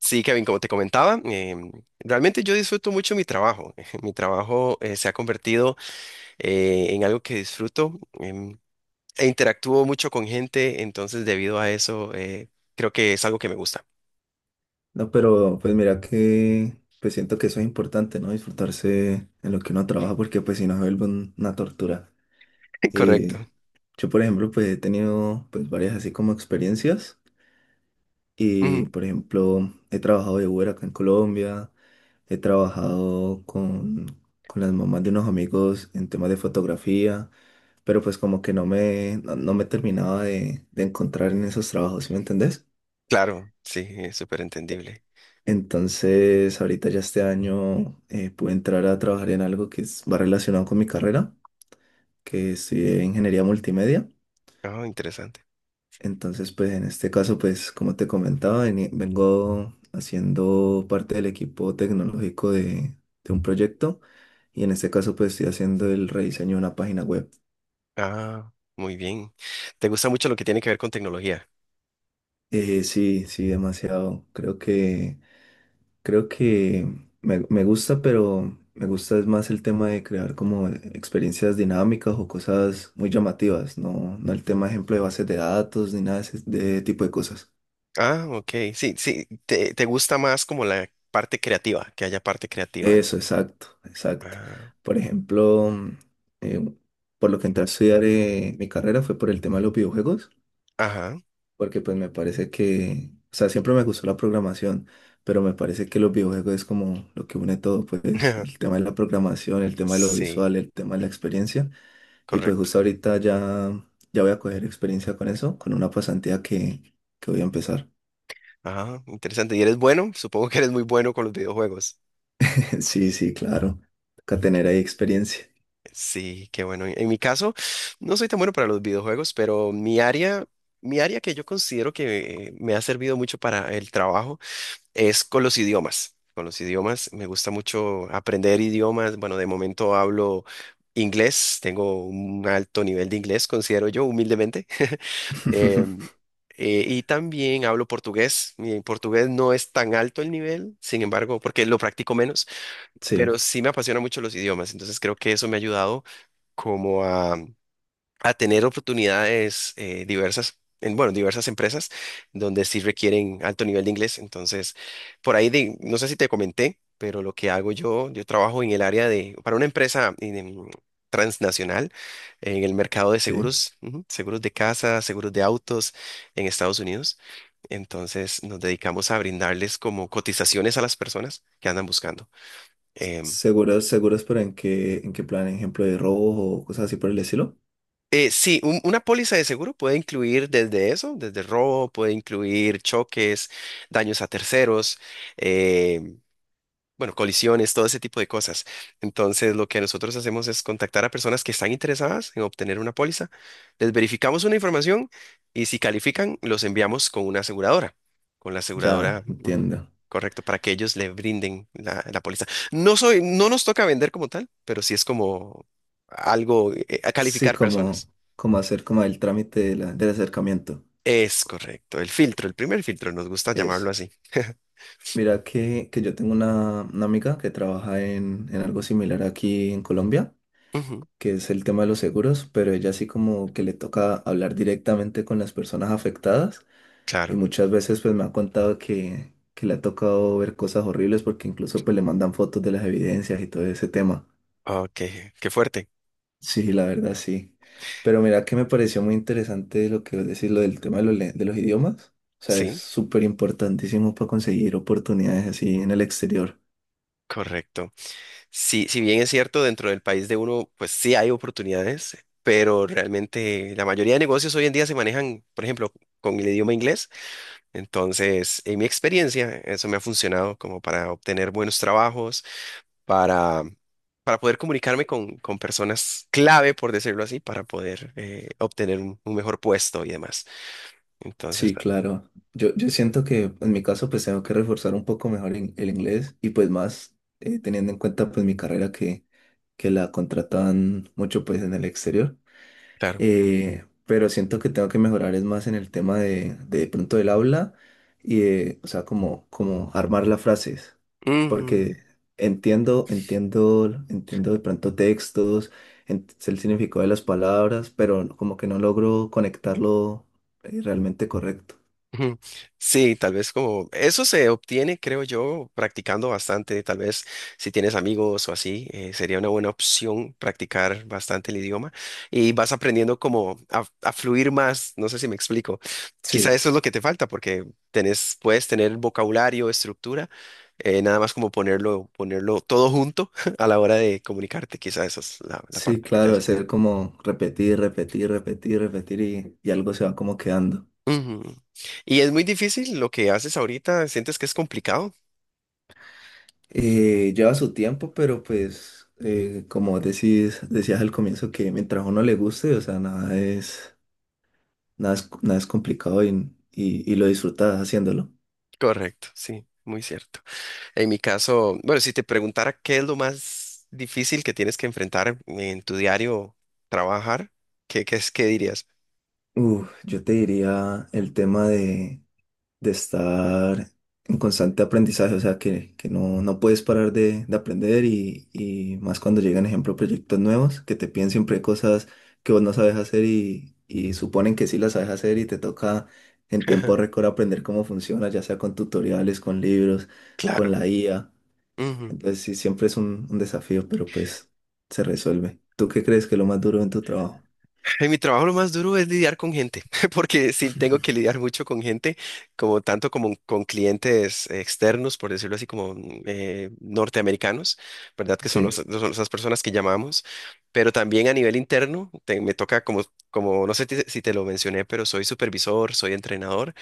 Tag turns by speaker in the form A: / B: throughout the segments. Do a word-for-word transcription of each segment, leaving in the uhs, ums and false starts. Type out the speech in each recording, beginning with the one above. A: Sí, Kevin, como te comentaba, eh, realmente yo disfruto mucho mi trabajo. Mi trabajo eh, se ha convertido eh, en algo que disfruto, em, e interactúo mucho con gente, entonces debido a eso, eh, creo que es algo que me gusta.
B: No, pero pues mira que pues siento que eso es importante, ¿no? Disfrutarse en lo que uno trabaja porque pues si no se vuelve un- una tortura. Eh,
A: Correcto.
B: yo por ejemplo pues he tenido pues varias así como experiencias
A: Ujú.
B: y por ejemplo he trabajado de Uber acá en Colombia, he trabajado con, con las mamás de unos amigos en temas de fotografía, pero pues como que no me, no, no me terminaba de, de encontrar en esos trabajos, ¿sí me entendés?
A: Claro, sí, es súper entendible.
B: Entonces, ahorita ya este año eh, pude entrar a trabajar en algo que es- va relacionado con mi carrera, que estudié ingeniería multimedia.
A: Ah, interesante.
B: Entonces, pues en este caso, pues como te comentaba, veni- vengo haciendo parte del equipo tecnológico de, de un proyecto y en este caso, pues estoy haciendo el rediseño de una página web.
A: Ah, muy bien. ¿Te gusta mucho lo que tiene que ver con tecnología?
B: Eh, sí, sí, demasiado. Creo que Creo que me, me gusta, pero me gusta es más el tema de crear como experiencias dinámicas o cosas muy llamativas, no, no el tema, ejemplo, de bases de datos ni nada de ese de tipo de cosas.
A: Ah, ok, sí, sí, te, te gusta más como la parte creativa, que haya parte creativa, ¿no?
B: Eso, exacto, exacto.
A: Ah,
B: Por ejemplo, mm, eh, por lo que entré a estudiar eh, mi carrera fue por el tema de los videojuegos,
A: ajá.
B: porque pues me parece que, o sea, siempre me gustó la programación, pero me parece que los videojuegos es como lo que une todo, pues el tema de la programación, el tema de lo
A: Sí.
B: visual, el tema de la experiencia. Y pues
A: Correcto.
B: justo ahorita ya, ya voy a coger experiencia con eso, con una pasantía que, que voy a empezar.
A: Ajá, interesante. ¿Y eres bueno? Supongo que eres muy bueno con los videojuegos.
B: Sí, sí, claro. Toca tener
A: Ok.
B: ahí experiencia.
A: Sí, qué bueno. En mi caso, no soy tan bueno para los videojuegos, pero mi área, mi área que yo considero que me ha servido mucho para el trabajo es con los idiomas. Con los idiomas, me gusta mucho aprender idiomas. Bueno, de momento hablo inglés, tengo un alto nivel de inglés, considero yo, humildemente. Em, eh, y también hablo portugués. Mi portugués no es tan alto el nivel, sin embargo, porque lo practico menos,
B: Sí,
A: pero sí me apasiona mucho los idiomas. Entonces creo que eso me ha ayudado como a, a tener oportunidades, eh, diversas, en, bueno, diversas empresas donde sí requieren alto nivel de inglés. Entonces, por ahí, de- no sé si te comenté, pero lo que hago yo, yo trabajo en el área de, para una empresa, em, transnacional en el mercado de
B: sí.
A: seguros, ujú, seguros de casa, seguros de autos en Estados Unidos. Entonces, nos dedicamos a brindarles como cotizaciones a las personas que andan buscando.
B: S-
A: Em,
B: Seguros, seguros, pero ¿en qué, en qué plan? ¿Ejemplo de robo o cosas así por el estilo?
A: Eh, sí, un- una póliza de seguro puede incluir desde eso, desde robo, puede incluir choques, daños a terceros, eh, bueno, colisiones, todo ese tipo de cosas. Entonces, lo que nosotros hacemos es contactar a personas que están interesadas en obtener una póliza, les verificamos una información y si califican, los enviamos con una aseguradora, con la
B: Ya,
A: aseguradora, ujú,
B: entiendo.
A: correcto, para que ellos le brinden la, la póliza. No soy, no nos toca vender como tal, pero sí es como algo, eh, a
B: Sí,
A: calificar
B: como,
A: personas.
B: como hacer como el trámite de la- del acercamiento.
A: Es correcto, el filtro, el primer filtro, nos gusta llamarlo
B: Eso.
A: así.
B: Mira que, que yo tengo una, una amiga que trabaja en, en algo similar aquí en Colombia.
A: Ujú,
B: Que es el tema de los seguros, pero ella sí como que le toca hablar directamente con las personas afectadas y
A: claro.
B: muchas veces pues me ha contado que, que le ha tocado ver cosas horribles porque incluso pues le mandan fotos de las evidencias y todo ese tema.
A: Ok, qué fuerte.
B: Sí, la verdad sí. Pero mira que me pareció muy interesante lo que vos decís, lo del tema de los, le- de los idiomas. O sea, es
A: Sí,
B: súper importantísimo para conseguir oportunidades así en el exterior.
A: correcto. Sí, si bien es cierto, dentro del país de uno, pues sí hay oportunidades, pero realmente la mayoría de negocios hoy en día se manejan, por ejemplo, con el idioma inglés. Entonces, en mi experiencia, eso me ha funcionado como para obtener buenos trabajos, para, para poder comunicarme con, con personas clave, por decirlo así, para poder, eh, obtener un un mejor puesto y demás. Entonces,
B: Sí, claro. Yo, yo siento que en mi caso pues tengo que reforzar un poco mejor in- el inglés y pues más eh, teniendo en cuenta pues mi carrera que, que la contratan mucho pues en el exterior.
A: claro.
B: Eh, pero siento que tengo que mejorar es más en el tema de, de pronto del habla y de, o sea, como, como armar las frases.
A: Ujú,
B: Porque entiendo, entiendo, entiendo de pronto textos, ent- sé el significado de las palabras, pero como que no logro conectarlo eh, realmente correcto.
A: ujú. Sí, tal vez como eso se obtiene, creo yo, practicando bastante. Tal vez si tienes amigos o así, eh, sería una buena opción practicar bastante el idioma y vas aprendiendo como a, a fluir más. No sé si me explico. Quizá
B: Sí,
A: eso es lo que te falta porque tenés, puedes tener vocabulario, estructura, eh, nada más como ponerlo, ponerlo todo junto a la hora de comunicarte. Quizá esa es la, la
B: sí,
A: parte que te
B: claro,
A: hace.
B: hacer como repetir, repetir, repetir, repetir y, y algo se va como quedando.
A: Ujú. Y es muy difícil lo que haces ahorita, sientes que es complicado.
B: Eh, lleva su tiempo, pero pues eh, como decís, decías al comienzo que mientras a uno le guste, o sea, nada es, nada es, nada es complicado y, y, y lo disfrutas haciéndolo.
A: Correcto, sí, muy cierto. En mi caso, bueno, si te preguntara qué es lo más difícil que tienes que enfrentar en tu diario trabajar, ¿qué, qué es, qué dirías?
B: Uf, yo te diría el tema de, de estar en constante aprendizaje, o sea, que, que no, no puedes parar de, de aprender y, y más cuando llegan, ejemplo, proyectos nuevos, que te piden siempre cosas que vos no sabes hacer y, y suponen que sí las sabes hacer y te toca en tiempo récord aprender cómo funciona, ya sea con tutoriales, con libros, con
A: Claro.
B: la I A.
A: Ujú.
B: Entonces, sí, siempre es un, un desafío, pero pues se resuelve. ¿Tú qué crees que es lo más duro en tu trabajo?
A: En mi trabajo lo más duro es lidiar con gente, porque sí tengo que lidiar mucho con gente, como tanto como con clientes externos, por decirlo así, como mm, eh, norteamericanos, ¿verdad? Que son, los,
B: Sí,
A: son esas personas que llamamos, pero también a nivel interno, te- me toca como, como, no sé ti- si te lo mencioné, pero soy supervisor, soy entrenador,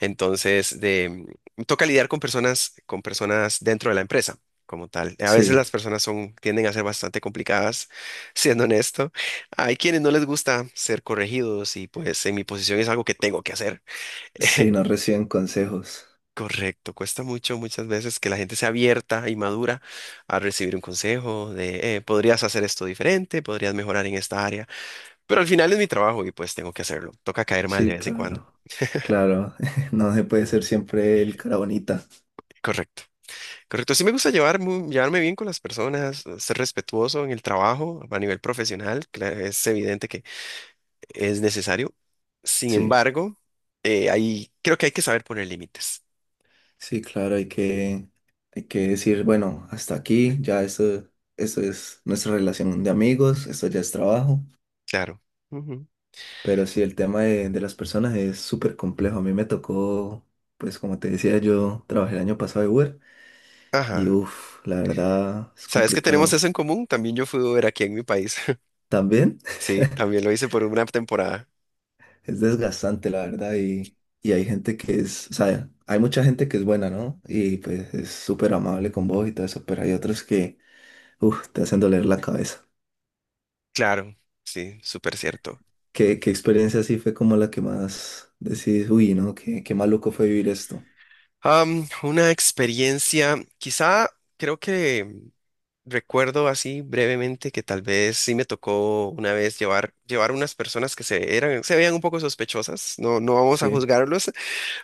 A: entonces de, me toca lidiar con personas, con personas dentro de la empresa como tal. A veces
B: sí,
A: las personas son, tienden a ser bastante complicadas, siendo honesto, hay quienes no les gusta ser corregidos y pues en mi posición es algo que tengo que hacer.
B: sí, no reciben consejos.
A: Correcto, cuesta mucho muchas veces que la gente sea abierta y madura a recibir un consejo de, eh, podrías hacer esto diferente, podrías mejorar en esta área, pero al final es mi trabajo y pues tengo que hacerlo. Toca caer mal de
B: Sí,
A: vez en cuando.
B: claro. Claro, no se puede ser siempre el cara bonita.
A: Correcto, correcto. Sí me gusta llevar mu- llevarme bien con las personas, ser respetuoso en el trabajo a nivel profesional, cla- es evidente que es necesario. Sin
B: Sí,
A: embargo, eh, ahí creo que hay que saber poner límites.
B: sí, claro, hay que, hay que decir, bueno, hasta aquí, ya esto, esto es nuestra relación de amigos, esto ya es trabajo,
A: Claro. Ujú.
B: pero sí, el tema de, de las personas es súper complejo. A mí me tocó, Pues como te decía, yo trabajé el año pasado de Uber y
A: Ajá.
B: uff, la verdad es
A: ¿Sabes que tenemos eso
B: complicado.
A: en común? También yo fui Uber aquí en mi país.
B: ¿También?
A: Sí, también lo hice por una temporada.
B: Es desgastante, la verdad, y, y hay gente que es, o sea, hay mucha gente que es buena, ¿no? Y pues es súper amable con vos y todo eso, pero hay otros que, uff, te hacen doler la cabeza.
A: Claro, sí, súper cierto.
B: ¿Qué, qué experiencia así fue como la que más decís, uy, ¿no? Qué, qué maluco fue vivir esto.
A: Am, una experiencia, quizá creo que recuerdo así brevemente que tal vez sí me tocó una vez llevar, llevar unas personas que se, eran, se veían un poco sospechosas. No, no vamos
B: Sí,
A: a
B: un
A: juzgarlos,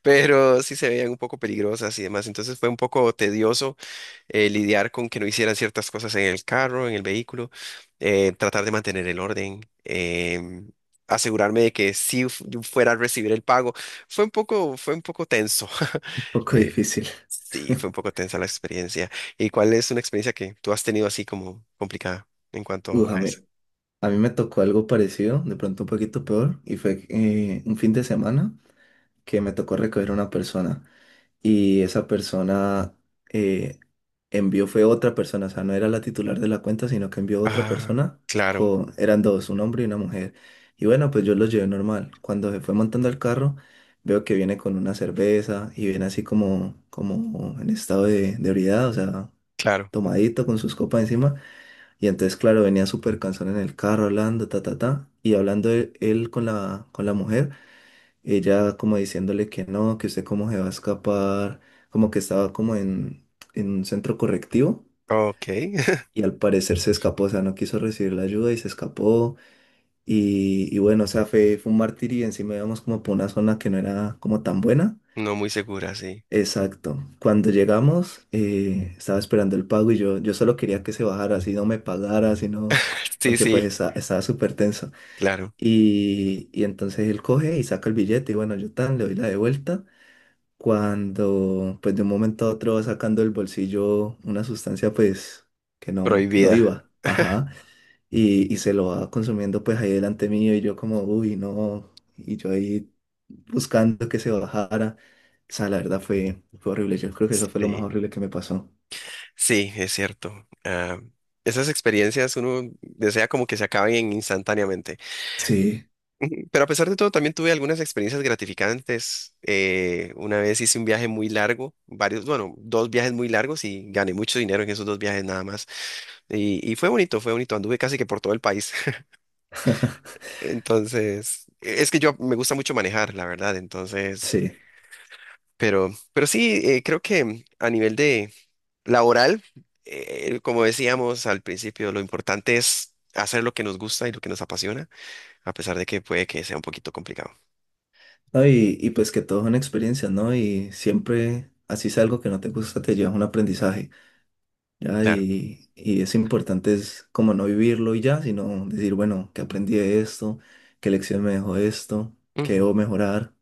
A: pero sí se veían un poco peligrosas y demás. Entonces fue un poco tedioso, eh, lidiar con que no hicieran ciertas cosas en el carro, en el vehículo, eh, tratar de mantener el orden, em, asegurarme de que sí fu- yo fuera a recibir el pago. Fue un poco, fue un poco tenso.
B: poco
A: Eh,
B: difícil.
A: sí, fue un poco tensa la experiencia. ¿Y cuál es una experiencia que tú has tenido así como complicada en cuanto
B: Uf, a
A: a
B: mí,
A: eso?
B: a mí me tocó algo parecido, de pronto un poquito peor, y fue eh, un fin de semana que me tocó recoger a una persona. Y esa persona eh, envió, fue otra persona, o sea, no era la titular de la cuenta, sino que envió otra
A: Ah,
B: persona,
A: claro,
B: con, eran dos, un hombre y una mujer. Y bueno, pues yo los llevé normal. Cuando se fue montando el carro, veo que viene con una cerveza y viene así como, como en estado de, de ebriedad, o sea,
A: claro.
B: tomadito con sus copas encima. Y entonces, claro, venía súper cansón en el carro hablando, ta, ta, ta, y hablando él, él con la, con la mujer, ella como diciéndole que no, que usted cómo se va a escapar, como que estaba como en, en un centro correctivo
A: Ok.
B: y al parecer se escapó, o sea, no quiso recibir la ayuda y se escapó y, y bueno, o sea, fue, fue un martirio y encima íbamos como por una zona que no era como tan buena.
A: No muy segura, sí.
B: Exacto. Cuando llegamos, eh, estaba esperando el pago y yo, yo solo quería que se bajara, así no me pagara, así no,
A: Sí,
B: porque pues
A: sí,
B: esta- estaba súper tenso.
A: claro.
B: Y, y entonces él coge y saca el billete y bueno, yo tan le doy la de vuelta. Cuando pues de un momento a otro va sacando del bolsillo una sustancia pues que no, que no
A: Prohibida.
B: iba, ajá, y, y se lo va consumiendo pues ahí delante mío y yo como, uy, no, y yo ahí buscando que se bajara, o sea, la verdad fue, fue horrible, yo creo que eso fue lo más
A: Sí,
B: horrible que me pasó.
A: sí, es cierto. Ah, esas experiencias uno desea como que se acaben instantáneamente.
B: Sí,
A: Ujú. Pero a pesar de todo, también tuve algunas experiencias gratificantes. Eh, una vez hice un viaje muy largo, varios, bueno, dos viajes muy largos y gané mucho dinero en esos dos viajes nada más. Y, y fue bonito, fue bonito. Anduve casi que por todo el país. Entonces, e, es que yo me gusta mucho manejar, la verdad. Entonces,
B: sí.
A: pero, pero sí, eh, creo que a nivel laboral, eh, como decíamos al principio, lo importante es hacer lo que nos gusta y lo que nos apasiona, a pesar de que puede que sea un poquito complicado.
B: No, Y y pues que todo es una experiencia, ¿no? Y siempre, así es algo que no te gusta, te llevas un aprendizaje. Ya,
A: Claro.
B: y, y es importante es como no vivirlo y ya, sino decir, bueno, que aprendí de esto, qué lección me dejó esto, qué
A: Ujú.
B: debo mejorar.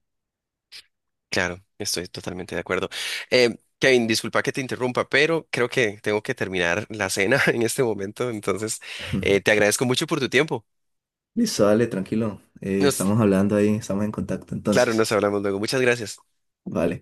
A: Claro, estoy totalmente de acuerdo. Eh, Kevin, disculpa que te interrumpa, pero creo que tengo que terminar la cena en este momento, entonces, eh, te agradezco mucho por tu tiempo.
B: Listo, dale, tranquilo. Eh,
A: Nos,
B: estamos hablando ahí, estamos en contacto
A: claro,
B: entonces.
A: nos hablamos luego. Muchas gracias.
B: Vale.